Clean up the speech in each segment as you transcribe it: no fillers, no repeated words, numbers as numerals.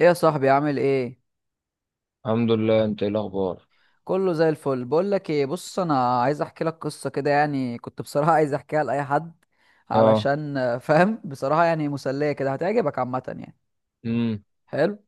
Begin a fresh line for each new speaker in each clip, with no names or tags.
ايه يا صاحبي عامل ايه؟
الحمد لله، انت ايه الاخبار؟
كله زي الفل. بقول لك ايه، بص، انا عايز احكي لك قصه كده، يعني كنت بصراحه عايز احكيها لاي حد
اه.
علشان فاهم، بصراحه يعني مسليه كده، هتعجبك عامه يعني.
امم.
حلو.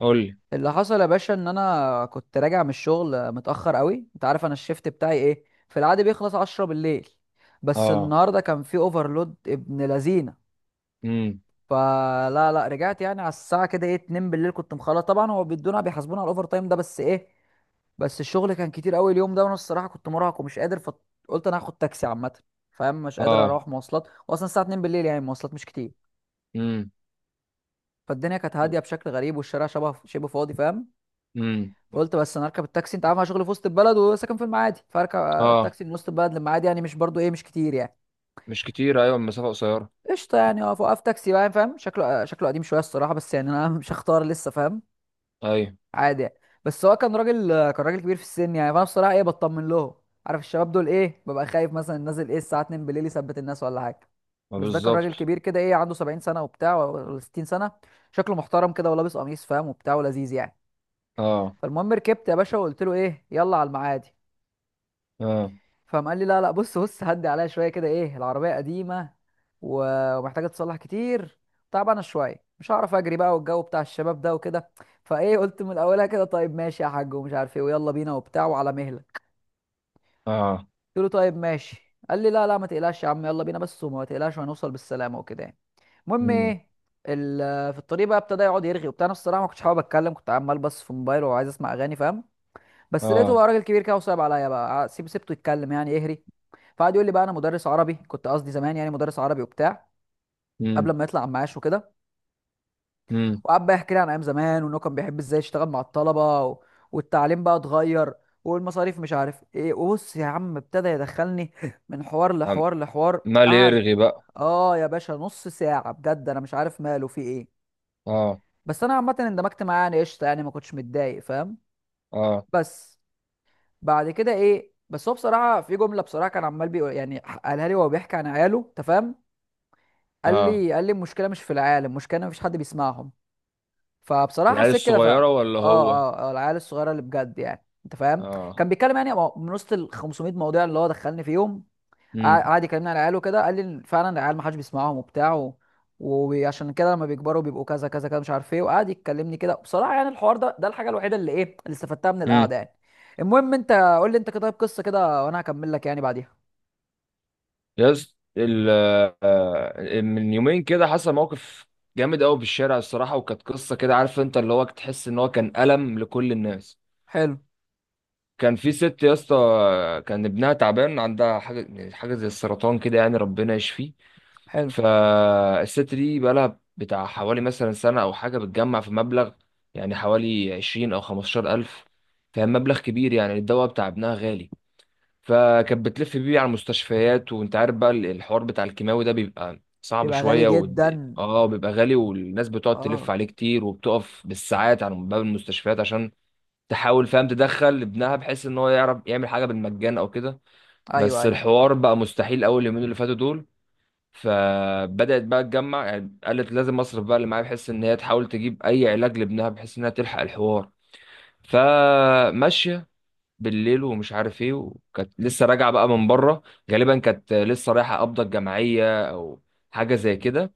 قول لي.
اللي حصل يا باشا ان انا كنت راجع من الشغل متاخر قوي، انت عارف انا الشيفت بتاعي ايه، في العاده بيخلص 10 بالليل، بس
اه.
النهارده كان في اوفرلود ابن لذينه.
امم.
فلا لا رجعت يعني على الساعه كده ايه 2 بالليل، كنت مخلص طبعا. هو بيدونا، بيحاسبونا على الاوفر تايم ده، بس ايه، بس الشغل كان كتير قوي اليوم ده، وانا الصراحه كنت مرهق ومش قادر، فقلت انا هاخد تاكسي عامه، فاهم؟ مش قادر
اه.
اروح مواصلات، واصلا الساعه 2 بالليل يعني المواصلات مش كتير.
امم.
فالدنيا كانت هاديه بشكل غريب، والشارع شبه فاضي، فاهم؟
امم.
فقلت بس انا اركب التاكسي، انت عارف انا شغلي في وسط البلد وساكن في المعادي، فاركب
اه،
التاكسي من وسط البلد للمعادي، يعني مش برضو ايه، مش كتير يعني.
مش كتير. ايوه، المسافه قصيره.
قشطه، يعني اقف تاكسي بقى، فاهم، شكله شكله قديم شويه الصراحه، بس يعني انا مش هختار لسه، فاهم،
ايوه،
عادي يعني. بس هو كان راجل، كبير في السن يعني، فانا بصراحه ايه بطمن لهم، عارف الشباب دول ايه، ببقى خايف مثلا نازل ايه الساعه 2 بالليل يثبت الناس ولا حاجه.
ما
بس ده كان راجل
بالظبط.
كبير كده ايه عنده 70 سنه وبتاع، ولا 60 سنه، شكله محترم كده، ولابس قميص فاهم وبتاع، ولذيذ يعني.
اه.
فالمهم ركبت يا باشا، وقلت له ايه، يلا على المعادي.
اه.
فقام قال لي لا لا، بص هدي عليها شويه كده، ايه العربيه قديمه ومحتاجه تصلح كتير، تعبانه شويه، مش هعرف اجري بقى، والجو بتاع الشباب ده وكده. فايه قلت من اولها كده، طيب ماشي يا حاج ومش عارف ايه، ويلا بينا وبتاع وعلى مهلك.
اه.
قلت له طيب ماشي. قال لي لا لا، ما تقلقش يا عم، يلا بينا بس، وما تقلقش وهنوصل بالسلامه وكده يعني. المهم
امم.
ايه، في الطريق بقى ابتدى يقعد يرغي وبتاع. انا الصراحه ما كنتش حابب اتكلم، كنت عمال بس في موبايل وعايز اسمع اغاني فاهم، بس لقيته
اه.
بقى راجل كبير كده وصعب عليا بقى، سيبته يتكلم يعني يهري. فقعد يقول لي بقى انا مدرس عربي، كنت قصدي زمان يعني، مدرس عربي وبتاع، قبل
امم.
ما يطلع على معاش وكده.
امم.
وقعد بقى يحكي لي عن ايام زمان، وانه كان بيحب ازاي يشتغل مع الطلبه، و... والتعليم بقى اتغير، والمصاريف مش عارف ايه، وبص يا عم ابتدى يدخلني من حوار
عم-
لحوار لحوار
مال
قعد
يرغي بقى؟
اه يا باشا نص ساعه بجد، انا مش عارف ماله في ايه.
اه.
بس انا عامه اندمجت معاه يعني، قشطه يعني، ما كنتش متضايق فاهم.
اه.
بس بعد كده ايه، بس هو بصراحه في جمله بصراحه كان عمال بيقول، يعني قالها لي وهو بيحكي عن عياله، انت فاهم؟ قال
اه،
لي، المشكله مش في العيال، المشكله إن مفيش حد بيسمعهم. فبصراحه
العيال
حسيت كده
الصغيره
فعلا.
ولا
اه.
هو؟
اه العيال الصغيره اللي بجد يعني، انت فاهم؟
اه.
كان بيتكلم يعني من وسط ال 500 موضوع اللي هو دخلني فيهم، قعد يكلمني على العيال وكده، قال لي إن فعلا العيال ما حدش بيسمعهم وبتاع وعشان كده لما بيكبروا بيبقوا كذا كذا كذا مش عارف ايه. وقعد يكلمني كده بصراحه، يعني الحوار ده الحاجه الوحيده اللي ايه اللي استفدتها من
امم.
القعده يعني. المهم انت قول لي انت كده، طيب، قصه كده وانا هكمل لك يعني بعديها.
يس ال آه، من يومين كده حصل موقف جامد قوي في الشارع، الصراحه. وكانت قصه كده، عارف، انت اللي هو تحس ان هو كان الم لكل الناس.
حلو.
كان في ست يا اسطى، كان ابنها تعبان، عندها حاجه، يعني حاجه زي السرطان كده، يعني ربنا يشفيه.
حلو.
فالست دي بقالها بتاع حوالي مثلا سنه او حاجه بتجمع في مبلغ، يعني حوالي 20 او 15 الف. فمبلغ كبير، يعني الدواء بتاع ابنها غالي. فكانت بتلف بيه على المستشفيات، وانت عارف بقى الحوار بتاع الكيماوي ده بيبقى صعب
بيبقى غالي
شوية
جدا.
اه، بيبقى غالي، والناس بتقعد تلف
اه.
عليه كتير، وبتقف بالساعات على باب المستشفيات عشان تحاول، فاهم، تدخل ابنها بحيث ان هو يعرف يعمل حاجة بالمجان او كده.
ايوه،
بس
ايوه.
الحوار بقى مستحيل اول يومين اللي فاتوا دول. فبدأت بقى تجمع، يعني قالت لازم اصرف بقى اللي معايا، بحيث ان هي تحاول تجيب اي علاج لابنها، بحيث انها تلحق الحوار. فماشية بالليل ومش عارف ايه، وكانت لسه راجعه بقى من بره، غالبا كانت لسه رايحه قبضه الجمعيه او حاجه زي كده.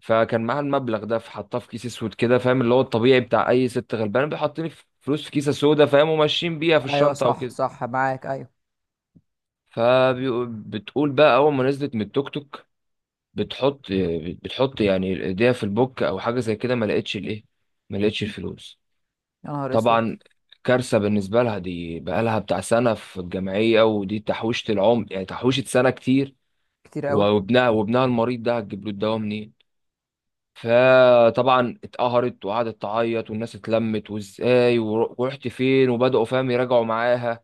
فكان معاها المبلغ ده، فحطاه في كيس اسود كده، فاهم، اللي هو الطبيعي بتاع اي ست غلبانه بيحطني في فلوس في كيسه سودا، فاهم، وماشيين بيها في
ايوه
الشنطه او
صح،
كده.
صح، معاك، ايوه.
فبتقول بقى، اول ما نزلت من التوك توك بتحط بتحط يعني ايديها في البوك او حاجه زي كده، ما لقيتش الايه، ما لقيتش الفلوس.
يا نهار اسود.
طبعا كارثة بالنسبة لها، دي بقالها بتاع سنة في الجمعية، ودي تحويشة العمر، يعني تحويشة سنة كتير.
كتير قوي.
وابنها المريض ده هتجيب له الدواء منين؟ فطبعا اتقهرت وقعدت تعيط، والناس اتلمت، وازاي ورحت فين، وبدأوا فاهم يراجعوا معاها.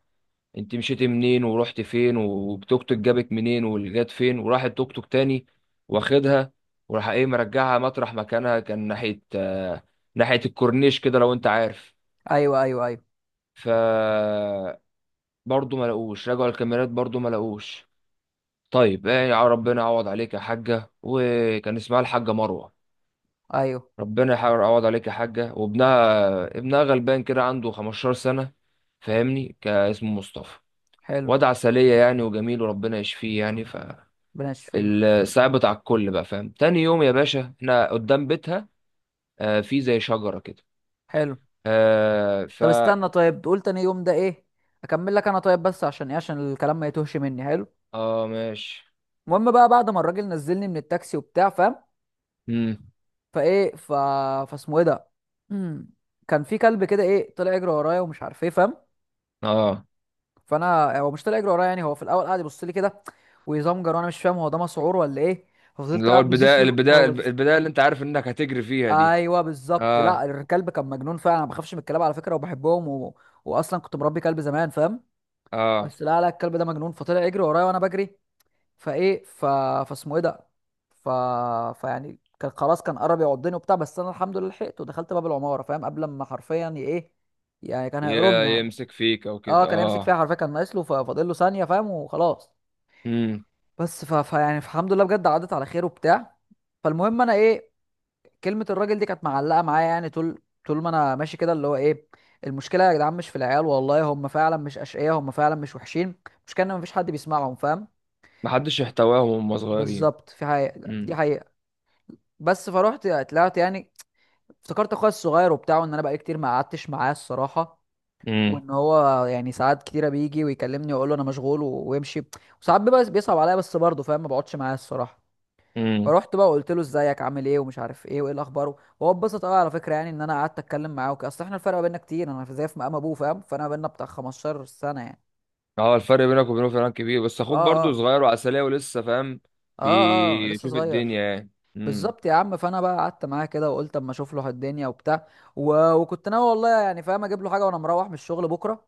انت مشيتي منين، ورحت فين، والتوك توك جابك منين، واللي جات فين، وراح التوك توك تاني واخدها، وراح ايه، مرجعها مطرح مكانها. كان ناحية، ناحية الكورنيش كده، لو انت عارف.
ايوه، ايوه، ايوه،
ف برضه ما لقوش، رجعوا الكاميرات، برضه ما لقوش. طيب ايه يا ربنا يعوض عليك يا حاجة. وكان اسمها الحاجة مروة.
ايوه.
ربنا يحاول يعوض عليك يا حاجة. وابنها غلبان كده، عنده 15 سنة، فاهمني، كان اسمه مصطفى،
حلو.
واد عسلية يعني، وجميل، وربنا يشفيه يعني.
بلاش فيه.
صعبت على الكل بقى، فاهم. تاني يوم يا باشا احنا قدام بيتها، في زي شجرة كده.
حلو.
آه ف
طب استنى، طيب تقول تاني يوم ده ايه، اكمل لك انا طيب، بس عشان ايه، عشان الكلام ما يتوهش مني. حلو.
اه، ماشي.
المهم بقى بعد ما الراجل نزلني من التاكسي وبتاع، فاهم،
امم.
فايه ف فاسمه ايه ده مم. كان في كلب كده ايه طلع يجري ورايا ومش عارف ايه، فاهم؟
اه،
فانا هو مش طلع يجري ورايا يعني، هو في الاول قعد يبص لي كده ويزمجر، وانا مش فاهم هو ده مسعور ولا ايه. ففضلت
اللي هو
قاعد باصص
البداية
له، هو
البداية
باصص.
البداية اللي انت عارف انك هتجري فيها دي.
ايوه بالظبط. لا
اه.
الكلب كان مجنون فعلا، انا ما بخافش من الكلاب على فكره، وبحبهم و... واصلا كنت مربي كلب زمان فاهم.
اه.
بس لا لا الكلب ده مجنون، فطلع يجري ورايا، وانا بجري. فايه ف... فاسمه ايه ده ف... فيعني كان خلاص، كان قرب يعضني وبتاع، بس انا الحمد لله لحقته ودخلت باب العماره فاهم، قبل ما حرفيا ي- ايه يعني كان هيقرمني حرفيا.
يمسك فيك او
اه
كده،
كان يمسك
اه.
فيها حرفيا، كان ناقص له، ففاضل له ثانيه فاهم، وخلاص.
امم،
بس فيعني الحمد لله بجد عدت على خير وبتاع. فالمهم انا ايه، كلمة الراجل دي كانت معلقة معايا يعني، طول ما انا ماشي كده، اللي هو ايه، المشكلة يا جدعان مش في العيال، والله هم فعلا مش أشقياء، هم فعلا مش وحشين، المشكلة ان مفيش حد بيسمعهم فاهم.
محدش يحتواهم وهم صغيرين.
بالظبط، في حقيقة، دي
امم.
حقيقة. بس فروحت طلعت يعني، افتكرت اخويا الصغير وبتاعه، ان انا بقالي كتير ما قعدتش معاه الصراحة.
امم.
وان هو يعني ساعات كتيرة بيجي ويكلمني واقول له انا مشغول ويمشي، وساعات بيبقى بيصعب عليا، بس برضه فاهم ما بقعدش معاه الصراحة.
امم.
رحت بقى وقلت له ازيك، عامل ايه، ومش عارف ايه، وايه الاخبار. وهو اتبسط قوي على فكره يعني، ان انا قعدت اتكلم معاه وكده، اصل احنا الفرق بيننا كتير، انا في زي في مقام ابوه فاهم، فانا بيننا بتاع 15 سنه يعني.
اه، الفرق بينك وبينه فعلا كبير، بس
اه.
اخوك برضو
اه.
صغير وعسلية ولسه فاهم،
اه لسه
بيشوف
صغير.
الدنيا يعني. امم.
بالظبط يا عم. فانا بقى قعدت معاه كده، وقلت اما اشوف له الدنيا وبتاع، و... وكنت ناوي والله يعني فاهم اجيب له حاجه وانا مروح من الشغل بكره،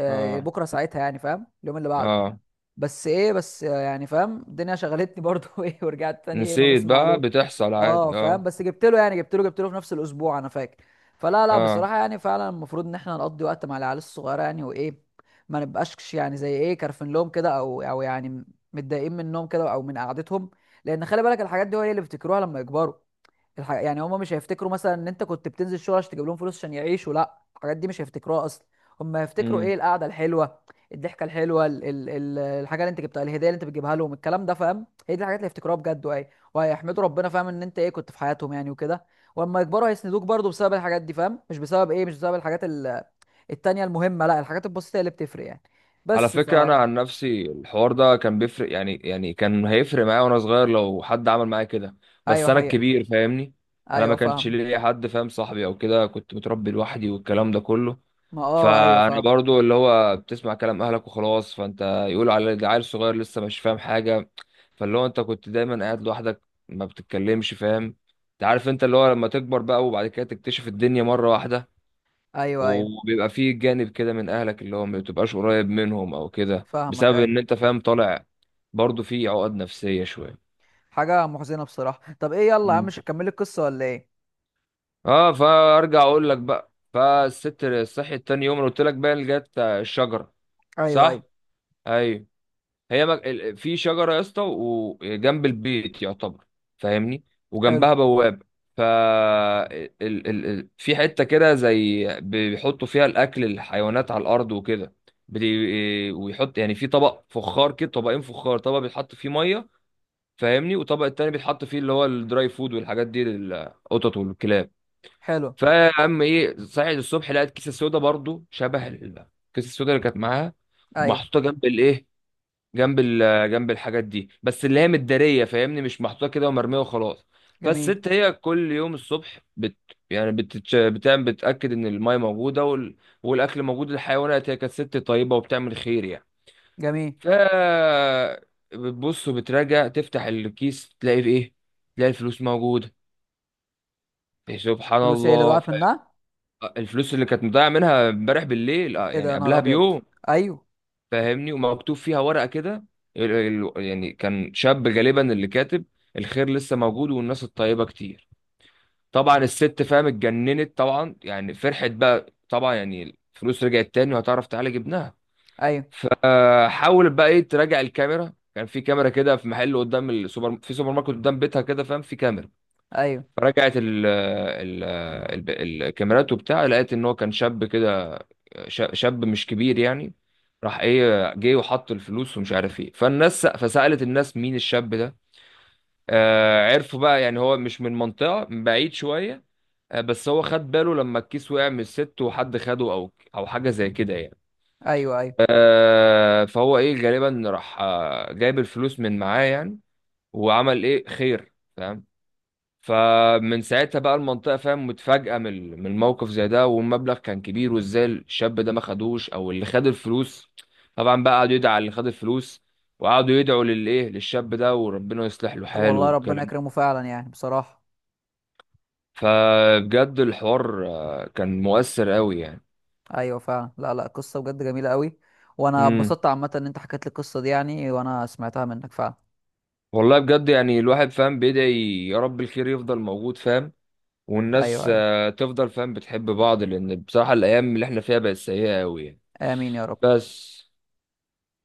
آه
اه.
بكره ساعتها يعني فاهم، اليوم اللي بعده.
اه،
بس ايه، بس يعني فاهم الدنيا شغلتني برضو ايه، ورجعت تاني ايه ما
نسيت
بسمع
بقى،
له.
بتحصل
اه
عادي،
فاهم،
اه.
بس جبت له يعني، جبت له في نفس الاسبوع انا فاكر. فلا لا
اه.
بصراحه يعني فعلا المفروض ان احنا نقضي وقت مع العيال الصغيره، يعني وايه، ما نبقاش يعني زي ايه كارفين لهم كده او يعني متضايقين منهم كده او من قعدتهم. لان خلي بالك الحاجات دي هو هي اللي بيفتكروها لما يكبروا. يعني هما مش هيفتكروا مثلا ان انت كنت بتنزل شغل عشان تجيب لهم فلوس عشان يعيشوا، لا الحاجات دي مش هيفتكروها اصلا. هما هيفتكروا ايه،
مم.
القعده الحلوه، الضحكه الحلوه، الحاجه اللي انت جبتها، الهديه اللي انت بتجيبها لهم، الكلام ده فاهم، هي دي الحاجات اللي هيفتكروها بجد، وايه، وهيحمدوا ربنا فاهم ان انت ايه كنت في حياتهم يعني وكده. واما يكبروا هيسندوك برضو بسبب الحاجات دي، فاهم، مش بسبب ايه، مش بسبب الحاجات التانيه المهمه، لا الحاجات البسيطه هي اللي بتفرق يعني.
على
بس ف،
فكرة، أنا عن نفسي الحوار ده كان بيفرق، يعني كان هيفرق معايا وأنا صغير لو حد عمل معايا كده. بس
ايوه
أنا
حقيقه.
الكبير، فاهمني. أنا ما
ايوه
كانش
فاهم.
ليا حد، فاهم، صاحبي أو كده. كنت متربي لوحدي والكلام ده كله.
ما اه ايوه
فأنا
فاهم.
برضو اللي هو بتسمع كلام أهلك وخلاص، فأنت يقولوا على ده عيل صغير لسه مش فاهم حاجة. فاللي هو أنت كنت دايما قاعد لوحدك، ما بتتكلمش، فاهم. أنت عارف، أنت اللي هو لما تكبر بقى وبعد كده تكتشف الدنيا مرة واحدة،
ايوه، ايوه
وبيبقى فيه جانب كده من اهلك اللي هو ما بتبقاش قريب منهم او كده،
فاهمك،
بسبب ان
ايوه.
انت فاهم طالع. برضو فيه عقد نفسية شوية.
حاجة محزنة بصراحة. طب ايه، يلا يا عم،
مم.
مش هتكملي القصة ولا ايه؟
اه، فارجع اقول لك بقى، فالست صحيت تاني يوم، أنا قلت لك بقى اللي جت الشجرة.
ايوه، ايوه.
صح. ايوه. هي في شجره يا اسطى وجنب البيت، يعتبر، فاهمني.
حلو.
وجنبها بوابه. ف ال... ال... ال... في حته كده زي بيحطوا فيها الاكل، الحيوانات على الارض وكده. ويحط يعني في طبق فخار كده، طبقين فخار، طبق بيتحط فيه ميه، فاهمني، وطبق التاني بيتحط فيه اللي هو الدراي فود والحاجات دي، للقطط والكلاب.
حلو.
فيا عم، ايه، صحيت الصبح لقيت كيسه سودا برضو شبه الكيسه السودا اللي كانت معاها،
ايوه.
محطوطه جنب الايه، جنب الحاجات دي، بس اللي هي متداريه، فاهمني، مش محطوطه كده ومرميه وخلاص.
جميل.
فالست هي كل يوم الصبح يعني بتعمل، بتاكد ان المايه موجوده والاكل موجود للحيوانات. هي كانت ست طيبه وبتعمل خير يعني.
جميل.
ف بتبص وبتراجع، تفتح الكيس، تلاقي في ايه، تلاقي الفلوس موجوده. إيه، سبحان
فلوس ايه اللي
الله.
ضاعت منها؟
الفلوس اللي كانت مضيعه منها امبارح بالليل،
ايه ده
يعني
يا نهار
قبلها
ابيض.
بيوم.
ايوه،
فاهمني. ومكتوب فيها ورقة كده، يعني كان شاب غالبا اللي كاتب: الخير لسه موجود، والناس الطيبة كتير. طبعا الست، فاهم، اتجننت طبعا، يعني فرحت بقى طبعا، يعني الفلوس رجعت تاني وهتعرف تعالج ابنها.
ايوه،
فحاولت بقى، ايه، تراجع الكاميرا. كان في كاميرا كده في محل قدام السوبر، في سوبر ماركت قدام بيتها كده، فاهم، في كاميرا.
ايوه،
فرجعت الكاميرات وبتاع، لقيت ان هو كان شاب كده، شاب مش كبير يعني. راح ايه، جه وحط الفلوس ومش عارف ايه. فالناس، فسألت الناس مين الشاب ده. عرفوا بقى، يعني هو مش من منطقة، من بعيد شوية. بس هو خد باله لما الكيس وقع من الست وحد خده او او حاجة زي كده يعني.
ايوه، ايوه.
فهو ايه، غالبا راح جايب الفلوس من معاه يعني، وعمل ايه، خير، فاهم؟ فمن ساعتها بقى المنطقة، فاهم، متفاجئة من من الموقف زي ده، والمبلغ كان كبير، وازاي الشاب ده ما خدوش او اللي خد الفلوس. طبعا بقى قعدوا يدعوا على اللي خد الفلوس، وقعدوا يدعوا للايه، للشاب ده، وربنا يصلح له
طب
حاله
والله ربنا
والكلام ده.
يكرمه فعلا يعني بصراحه.
فبجد الحوار، كان مؤثر قوي يعني.
ايوه فعلا، لا لا قصه بجد جميله قوي. وانا
امم.
اتبسطت عامه ان انت حكيت لي القصه دي يعني، وانا سمعتها منك فعلا.
والله بجد، يعني الواحد، فاهم، بيدعي يا رب الخير يفضل موجود، فاهم،
ايوه،
والناس،
ايوه.
تفضل، فاهم، بتحب بعض، لان بصراحة الايام اللي احنا فيها بقت سيئة قوي يعني.
امين يا رب.
بس